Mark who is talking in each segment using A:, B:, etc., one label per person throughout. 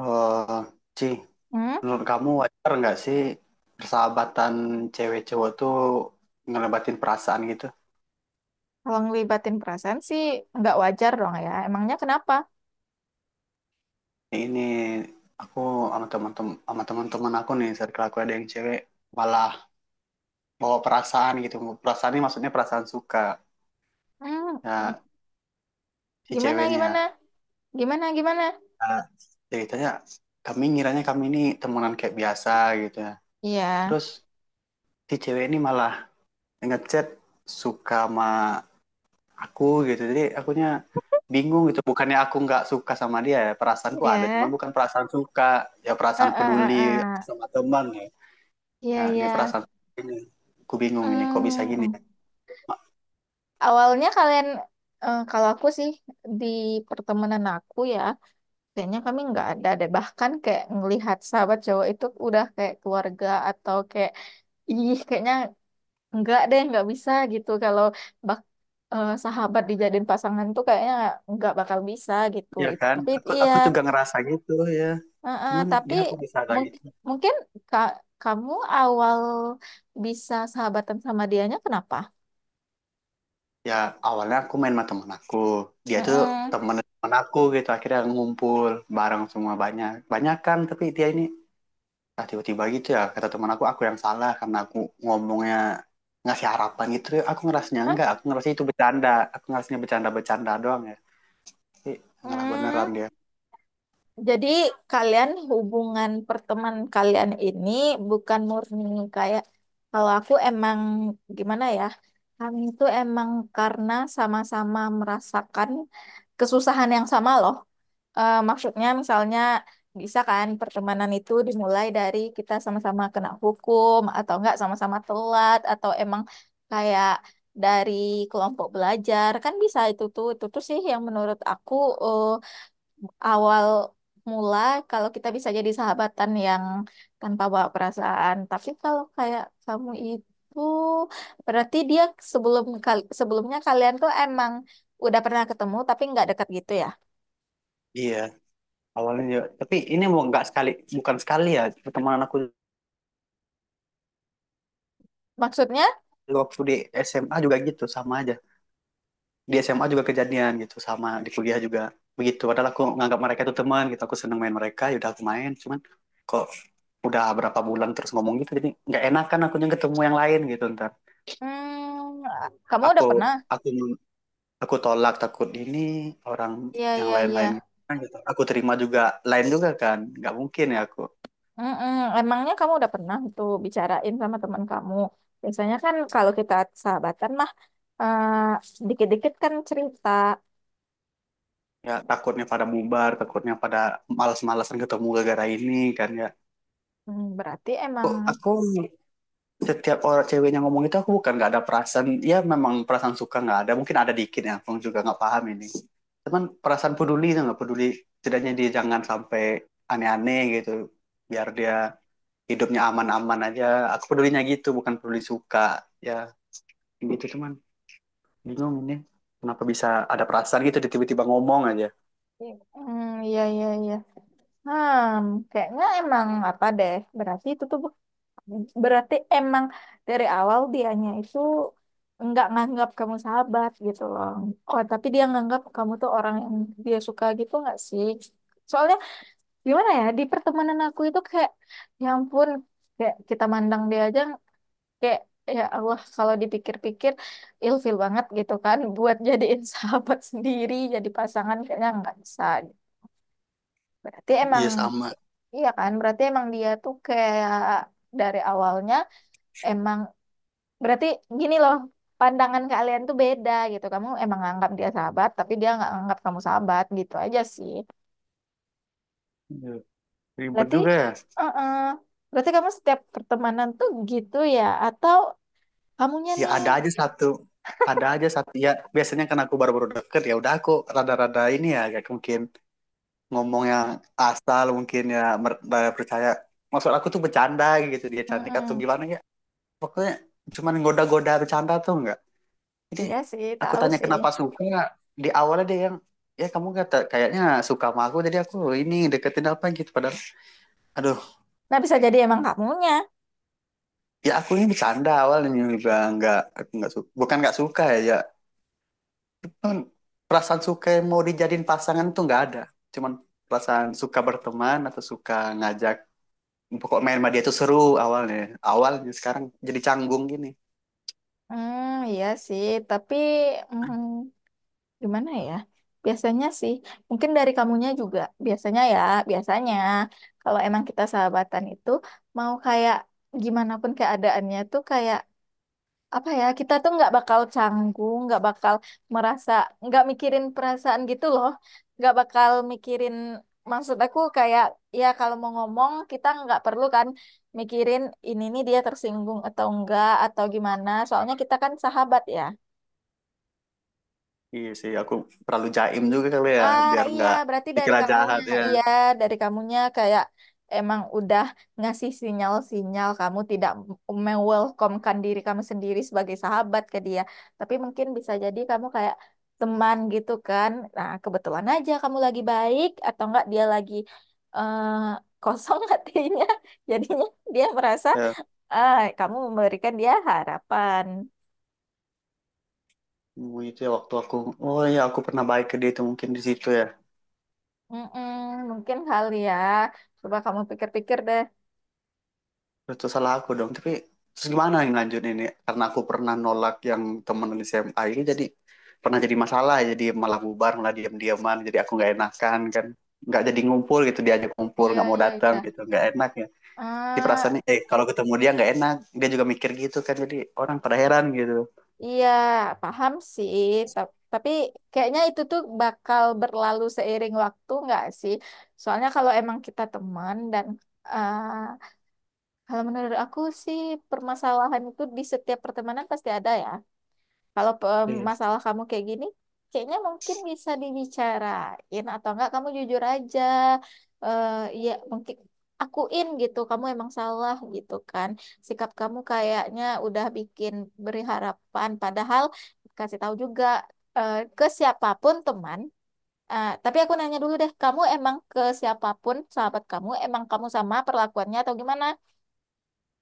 A: Eh, Ci,
B: Hmm,
A: menurut kamu wajar nggak sih persahabatan cewek cowok tuh ngelebatin perasaan gitu?
B: kalau ngelibatin perasaan sih nggak wajar dong ya. Emangnya kenapa?
A: Ini aku sama teman-teman aku nih, circle aku ada yang cewek malah bawa perasaan gitu. Perasaan ini maksudnya perasaan suka
B: Hmm,
A: ya, si
B: gimana, gimana,
A: ceweknya.
B: gimana, gimana?
A: Nah, ceritanya kami ngiranya kami ini temenan kayak biasa gitu ya.
B: Iya,
A: Terus si cewek ini malah ngechat suka sama aku gitu, jadi akunya bingung gitu, bukannya aku nggak suka sama dia, ya perasaanku ada cuman
B: iya,
A: bukan perasaan suka, ya
B: eh,
A: perasaan
B: eh,
A: peduli
B: eh, eh.
A: sama teman ya.
B: Iya,
A: Nah, ini
B: iya.
A: perasaan ini aku bingung ini kok bisa gini.
B: Hmm, awalnya kalian, eh, kalau aku sih di pertemanan aku ya, kayaknya kami nggak ada deh. Bahkan kayak ngelihat sahabat cowok itu udah kayak keluarga atau kayak, ih, kayaknya enggak deh, nggak bisa gitu. Kalau bak sahabat dijadiin pasangan tuh kayaknya nggak bakal bisa gitu.
A: Ya kan
B: Tapi
A: aku
B: iya.
A: aku juga ngerasa gitu ya, cuman
B: Tapi
A: dia aku bisa kayak
B: mung-
A: gitu.
B: mungkin ka- kamu awal bisa sahabatan sama dianya kenapa?
A: Ya awalnya aku main sama teman aku, dia itu
B: Heeh.
A: teman teman aku gitu, akhirnya ngumpul bareng semua banyak banyak kan, tapi dia ini. Nah, tiba-tiba gitu ya, kata teman aku yang salah karena aku ngomongnya ngasih harapan gitu. Aku ngerasanya
B: Hah?
A: enggak, aku ngerasa itu bercanda. Aku ngerasanya bercanda-bercanda doang ya. Tapi ngalah beneran
B: Hmm.
A: dia.
B: Jadi kalian hubungan perteman kalian ini bukan murni kayak kalau aku emang gimana ya? Kami itu emang karena sama-sama merasakan kesusahan yang sama loh. Eh, maksudnya misalnya bisa kan pertemanan itu dimulai dari kita sama-sama kena hukum atau enggak sama-sama telat atau emang kayak dari kelompok belajar kan bisa itu tuh sih yang menurut aku, eh, awal mula kalau kita bisa jadi sahabatan yang tanpa bawa perasaan. Tapi kalau kayak kamu itu berarti dia sebelumnya kalian tuh emang udah pernah ketemu tapi nggak dekat gitu ya.
A: Iya, awalnya juga. Tapi ini mau enggak sekali, bukan sekali ya. Pertemanan aku
B: Maksudnya,
A: waktu di SMA juga gitu, sama aja. Di SMA juga kejadian gitu, sama di kuliah juga. Begitu, padahal aku nganggap mereka itu teman gitu. Aku seneng main mereka, yaudah aku main. Cuman kok udah berapa bulan terus ngomong gitu, jadi nggak enakan akunya ketemu yang lain gitu ntar.
B: hmm, kamu udah
A: aku
B: pernah?
A: aku aku tolak takut ini orang
B: Iya,
A: yang
B: iya,
A: lain-lain
B: iya.
A: kan gitu. Aku terima juga lain juga kan, nggak mungkin ya aku.
B: Mm-mm. Emangnya kamu udah pernah tuh bicarain sama teman kamu? Biasanya kan kalau kita sahabatan mah dikit-dikit kan cerita.
A: Ya takutnya pada bubar, takutnya pada malas-malasan ketemu gara-gara ini kan ya.
B: Hmm, berarti emang.
A: Kok aku setiap orang ceweknya ngomong itu, aku bukan nggak ada perasaan, ya memang perasaan suka nggak ada, mungkin ada dikit ya, aku juga nggak paham ini. Cuman perasaan peduli itu nggak peduli, setidaknya dia jangan sampai aneh-aneh gitu, biar dia hidupnya aman-aman aja, aku pedulinya gitu bukan peduli suka ya gitu, cuman bingung ini kenapa bisa ada perasaan gitu dia tiba-tiba ngomong aja.
B: Hmm, iya iya iya. Hmm, kayaknya emang apa deh. Berarti itu tuh berarti emang dari awal dianya itu nggak nganggap kamu sahabat gitu loh. Oh, tapi dia nganggap kamu tuh orang yang dia suka gitu nggak sih? Soalnya gimana ya, di pertemanan aku itu kayak ya ampun, kayak kita mandang dia aja kayak ya Allah, kalau dipikir-pikir ilfil banget gitu kan buat jadiin sahabat sendiri, jadi pasangan kayaknya nggak bisa. Berarti emang.
A: Iya sama.
B: Iya kan, berarti emang dia tuh kayak dari awalnya emang berarti gini loh, pandangan kalian tuh beda gitu. Kamu emang nganggap dia sahabat, tapi dia nggak nganggap kamu sahabat gitu aja sih.
A: Iya, ribet
B: Berarti,
A: juga ya.
B: uh Berarti kamu setiap pertemanan tuh gitu ya, atau kamunya
A: Ya
B: nih?
A: ada aja satu ya, biasanya kan aku baru-baru deket ya udah aku rada-rada ini ya, kayak mungkin ngomong yang asal mungkin ya, percaya maksud aku tuh bercanda gitu, dia cantik atau
B: Mm-mm.
A: gimana ya, pokoknya cuman goda-goda bercanda tuh enggak. Jadi
B: Iya sih,
A: aku
B: tahu
A: tanya
B: sih.
A: kenapa suka, di awalnya dia yang ya kamu kata kayaknya suka sama aku, jadi aku ini deketin apa gitu, padahal aduh.
B: Nah, bisa jadi emang kamunya.
A: Ya aku ini bercanda awalnya juga, nggak aku nggak suka bukan nggak suka ya ya. Cuman perasaan suka yang mau dijadiin pasangan tuh nggak ada, cuman perasaan suka berteman atau suka ngajak pokok main sama dia tuh seru awalnya awalnya sekarang jadi canggung gini.
B: Hmm, iya sih, tapi, hmm, gimana ya? Biasanya sih, mungkin dari kamunya juga. Biasanya ya, biasanya kalau emang kita sahabatan itu mau kayak gimana pun keadaannya tuh kayak apa ya? Kita tuh nggak bakal canggung, nggak bakal merasa, nggak mikirin perasaan gitu loh. Nggak bakal mikirin, maksud aku kayak ya kalau mau ngomong kita nggak perlu kan mikirin ini nih dia tersinggung atau enggak atau gimana. Soalnya kita kan sahabat ya.
A: Iya sih, aku terlalu jaim juga kali ya
B: Ah,
A: biar
B: iya,
A: nggak
B: berarti dari
A: dikira
B: kamunya.
A: jahat ya.
B: Iya, dari kamunya kayak emang udah ngasih sinyal-sinyal kamu tidak welcome diri kamu sendiri sebagai sahabat ke dia. Tapi mungkin bisa jadi kamu kayak teman gitu kan. Nah, kebetulan aja kamu lagi baik atau enggak, dia lagi eh, kosong hatinya. Jadinya dia merasa
A: Ya,
B: ah, kamu memberikan dia harapan.
A: oh, itu ya waktu aku, oh iya aku pernah baik ke dia, itu mungkin di situ ya.
B: Mm-mm, mungkin kali ya. Coba kamu pikir-pikir deh.
A: Itu salah aku dong, tapi terus gimana yang lanjut ini, karena aku pernah nolak yang temen di SMA ini, jadi pernah jadi masalah, jadi malah bubar malah diam-diaman, jadi aku nggak enakan kan, nggak jadi ngumpul gitu, diajak ngumpul
B: Iya,
A: nggak mau
B: iya,
A: datang
B: iya.
A: gitu, nggak enak ya. Si
B: Ah,
A: perasaannya eh kalau ketemu dia nggak enak, dia juga mikir gitu kan, jadi orang pada heran gitu.
B: iya, paham sih. Tapi kayaknya itu tuh bakal berlalu seiring waktu nggak sih? Soalnya kalau emang kita teman dan, ah, kalau menurut aku sih permasalahan itu di setiap pertemanan pasti ada ya. Kalau
A: Iya.
B: masalah kamu kayak gini, kayaknya mungkin bisa dibicarain atau enggak kamu jujur aja. Eh Ya mungkin akuin gitu, kamu emang salah gitu kan. Sikap kamu kayaknya udah bikin beri harapan, padahal kasih tahu juga ke siapapun teman. Eh, tapi aku nanya dulu deh, kamu emang ke siapapun sahabat kamu, emang kamu sama perlakuannya atau gimana?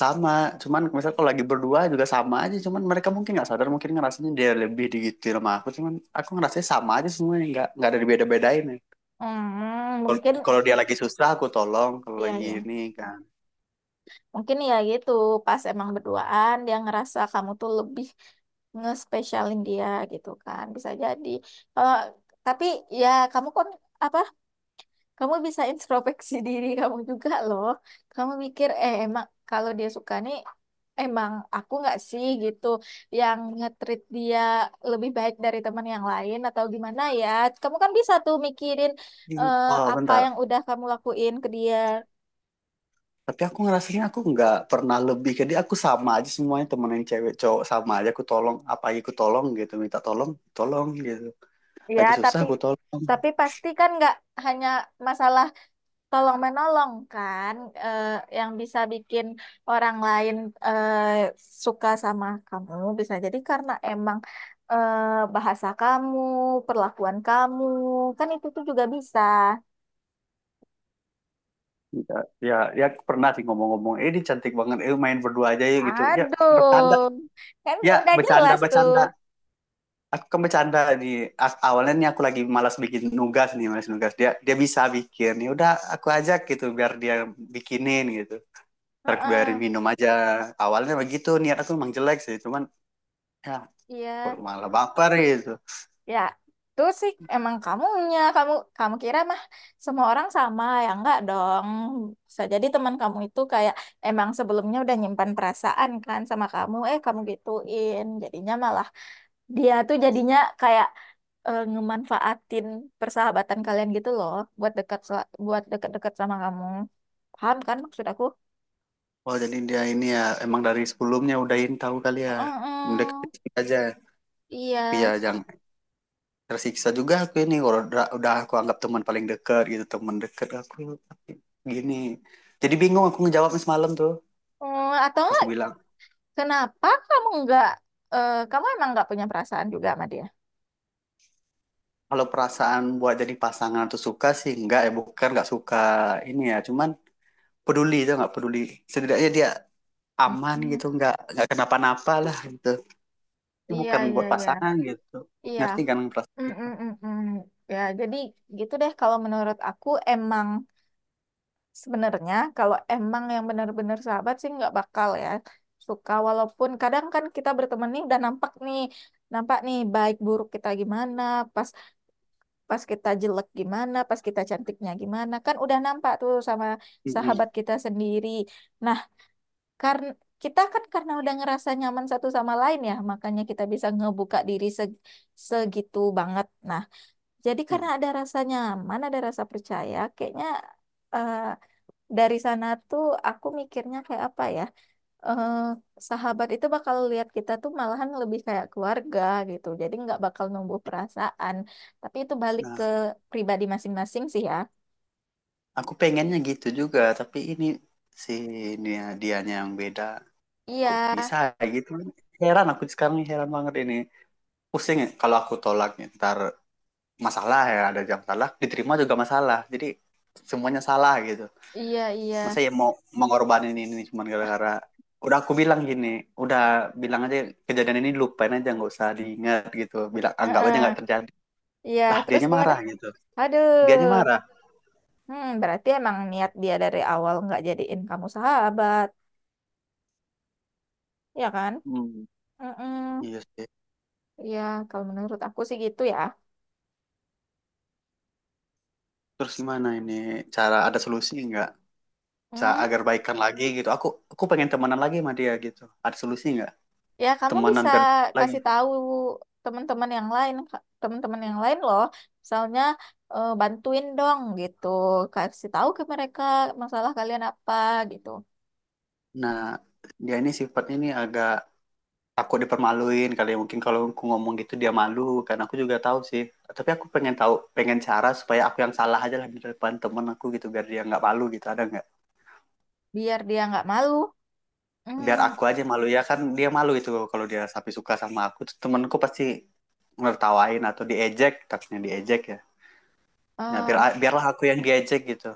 A: Sama, cuman misal kalau lagi berdua juga sama aja, cuman mereka mungkin nggak sadar, mungkin ngerasanya dia lebih digituin sama aku, cuman aku ngerasanya sama aja semuanya, nggak ada dibeda-bedain ya.
B: Hmm, mungkin
A: Kalau- Dia lagi susah aku tolong, kalau
B: ya
A: lagi
B: ya.
A: ini kan.
B: Mungkin ya gitu, pas emang berduaan dia ngerasa kamu tuh lebih ngespesialin dia gitu kan. Bisa jadi. Kalau tapi ya kamu kan apa? Kamu bisa introspeksi diri kamu juga loh. Kamu mikir emang kalau dia suka nih, emang aku nggak sih gitu yang nge-treat dia lebih baik dari teman yang lain atau gimana ya. Kamu kan bisa tuh mikirin eh,
A: Oh
B: apa
A: bentar,
B: yang udah kamu lakuin ke dia.
A: tapi aku ngerasanya aku nggak pernah lebih ke dia, aku sama aja semuanya, temen yang cewek cowok sama aja, aku tolong apa aja aku tolong gitu, minta tolong tolong gitu
B: Ya,
A: lagi susah
B: tapi
A: aku tolong.
B: tapi pasti kan nggak hanya masalah tolong menolong kan eh, yang bisa bikin orang lain eh, suka sama kamu bisa jadi karena emang bahasa kamu, perlakuan kamu, kan itu tuh juga bisa.
A: Ya, ya, ya pernah sih ngomong-ngomong, eh ini cantik banget, eh main berdua aja yuk gitu ya, bercanda.
B: Aduh, kan
A: Ya
B: udah
A: bercanda
B: jelas tuh.
A: bercanda, aku kan bercanda nih. Awalnya nih aku lagi malas bikin nugas nih, malas nugas, dia dia bisa bikin, ya udah aku ajak gitu biar dia bikinin gitu, ntar aku biarin
B: Heeh,
A: minum aja. Awalnya begitu, niat aku emang jelek sih, cuman ya kok
B: iya.
A: malah baper gitu.
B: Ya, itu sih emang kamunya. Kamu kamu kira mah semua orang sama, ya enggak dong. Bisa jadi teman kamu itu kayak emang sebelumnya udah nyimpan perasaan kan sama kamu, eh, kamu gituin. Jadinya malah dia tuh jadinya kayak ngemanfaatin persahabatan kalian gitu loh, buat dekat-dekat sama kamu. Paham kan maksud aku?
A: Oh jadi dia ini ya emang dari sebelumnya udahin tahu kali ya, udah
B: Mm-mm.
A: kritik aja. Tapi ya
B: Iya.
A: jangan tersiksa juga aku ini kalau udah aku anggap teman paling dekat gitu, teman dekat aku. Tapi gini, jadi bingung aku ngejawabnya semalam tuh,
B: Atau
A: aku
B: enggak,
A: bilang.
B: kenapa kamu enggak, kamu emang enggak punya perasaan juga sama dia?
A: Kalau perasaan buat jadi pasangan atau suka sih enggak ya, bukan nggak suka ini ya, cuman peduli itu nggak peduli, setidaknya dia aman
B: Mm,
A: gitu, nggak kenapa-napa lah gitu. Itu
B: iya,
A: bukan
B: iya,
A: buat
B: iya.
A: pasangan gitu.
B: Iya.
A: Ngerti kan perasaan
B: Mm,
A: itu.
B: mm, mm, mm. Ya, jadi gitu deh, kalau menurut aku emang sebenarnya kalau emang yang benar-benar sahabat sih nggak bakal ya suka, walaupun kadang kan kita berteman nih udah nampak nih, baik buruk kita gimana, pas pas kita jelek gimana, pas kita cantiknya gimana, kan udah nampak tuh sama
A: Mm-mm.
B: sahabat kita sendiri. Nah, karena kita kan karena udah ngerasa nyaman satu sama lain ya, makanya kita bisa ngebuka diri segitu banget. Nah, jadi
A: Iya.
B: karena ada rasa nyaman, ada rasa percaya, kayaknya eh, dari sana tuh aku mikirnya kayak apa ya? eh, Sahabat itu bakal lihat kita tuh malahan lebih kayak keluarga gitu. Jadi nggak bakal numbuh perasaan, tapi itu balik ke
A: Nah
B: pribadi masing-masing sih ya.
A: aku pengennya gitu juga, tapi ini si dia dianya yang beda.
B: Iya,
A: Kok bisa ya gitu, heran aku sekarang nih, heran banget ini, pusing ya kalau aku tolak nih, ntar masalah, ya ada jam salah diterima juga masalah, jadi semuanya salah gitu.
B: iya, iya.
A: Masa ya mau mengorbanin ini cuman gara-gara, udah aku bilang gini udah, bilang aja kejadian ini lupain aja nggak usah diingat gitu, bilang anggap aja
B: Heeh.
A: nggak terjadi.
B: Iya,
A: Lah
B: terus
A: dianya
B: gimana?
A: marah gitu, dianya
B: Aduh.
A: marah.
B: Hmm, berarti emang niat dia dari awal nggak jadiin kamu sahabat, ya kan?
A: Hmm, iya
B: Mm-mm.
A: sih.
B: Ya, kalau menurut aku sih gitu ya.
A: Terus gimana ini cara, ada solusi nggak cara
B: Hmm,
A: agar baikan lagi gitu, aku pengen temenan lagi sama dia gitu, ada solusi nggak,
B: ya kamu
A: temenan
B: bisa
A: lagi.
B: kasih tahu teman-teman yang lain, Kak. Teman-teman yang lain loh. Misalnya bantuin dong gitu, kasih tahu ke mereka masalah kalian apa gitu,
A: Nah dia ini sifatnya ini agak, aku dipermaluin kali ya. Mungkin kalau aku ngomong gitu dia malu, karena aku juga tahu sih, tapi aku pengen cara supaya aku yang salah aja lah di depan temen aku gitu biar dia nggak malu gitu, ada nggak.
B: biar dia nggak malu. Hmm,
A: Biar aku aja malu ya kan, dia malu itu kalau dia sampai suka sama aku tuh temenku pasti ngertawain atau diejek, takutnya diejek ya. Ya
B: eh,
A: biarlah aku yang diejek gitu.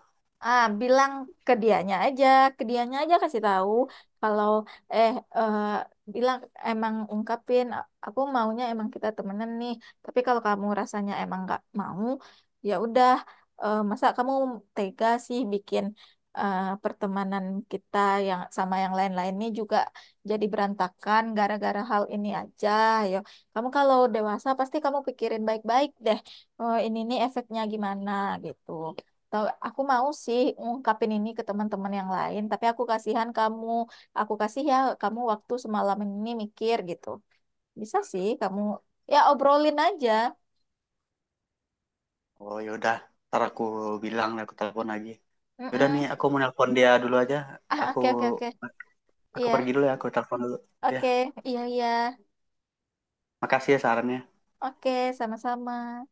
B: ah, bilang ke dianya aja, ke dianya aja kasih tahu kalau eh eh, bilang emang ungkapin, Aku maunya emang kita temenan nih. Tapi kalau kamu rasanya emang nggak mau, ya udah, masa kamu tega sih bikin pertemanan kita yang sama yang lain-lain ini juga jadi berantakan gara-gara hal ini aja. Yo, kamu kalau dewasa pasti kamu pikirin baik-baik deh. Oh, ini nih efeknya gimana gitu. Tahu, aku mau sih ngungkapin ini ke teman-teman yang lain, tapi aku kasihan kamu. Aku kasih ya kamu waktu semalam ini mikir gitu. Bisa sih kamu, ya obrolin aja.
A: Oh yaudah, ntar aku bilang lah, aku telepon lagi. Yaudah nih
B: Mm-mm.
A: aku mau nelpon dia dulu aja.
B: Ah,
A: aku
B: oke oke oke.
A: aku
B: Iya.
A: pergi dulu ya, aku telepon dulu ya.
B: Oke. Iya iya.
A: Makasih ya sarannya.
B: Oke, sama-sama.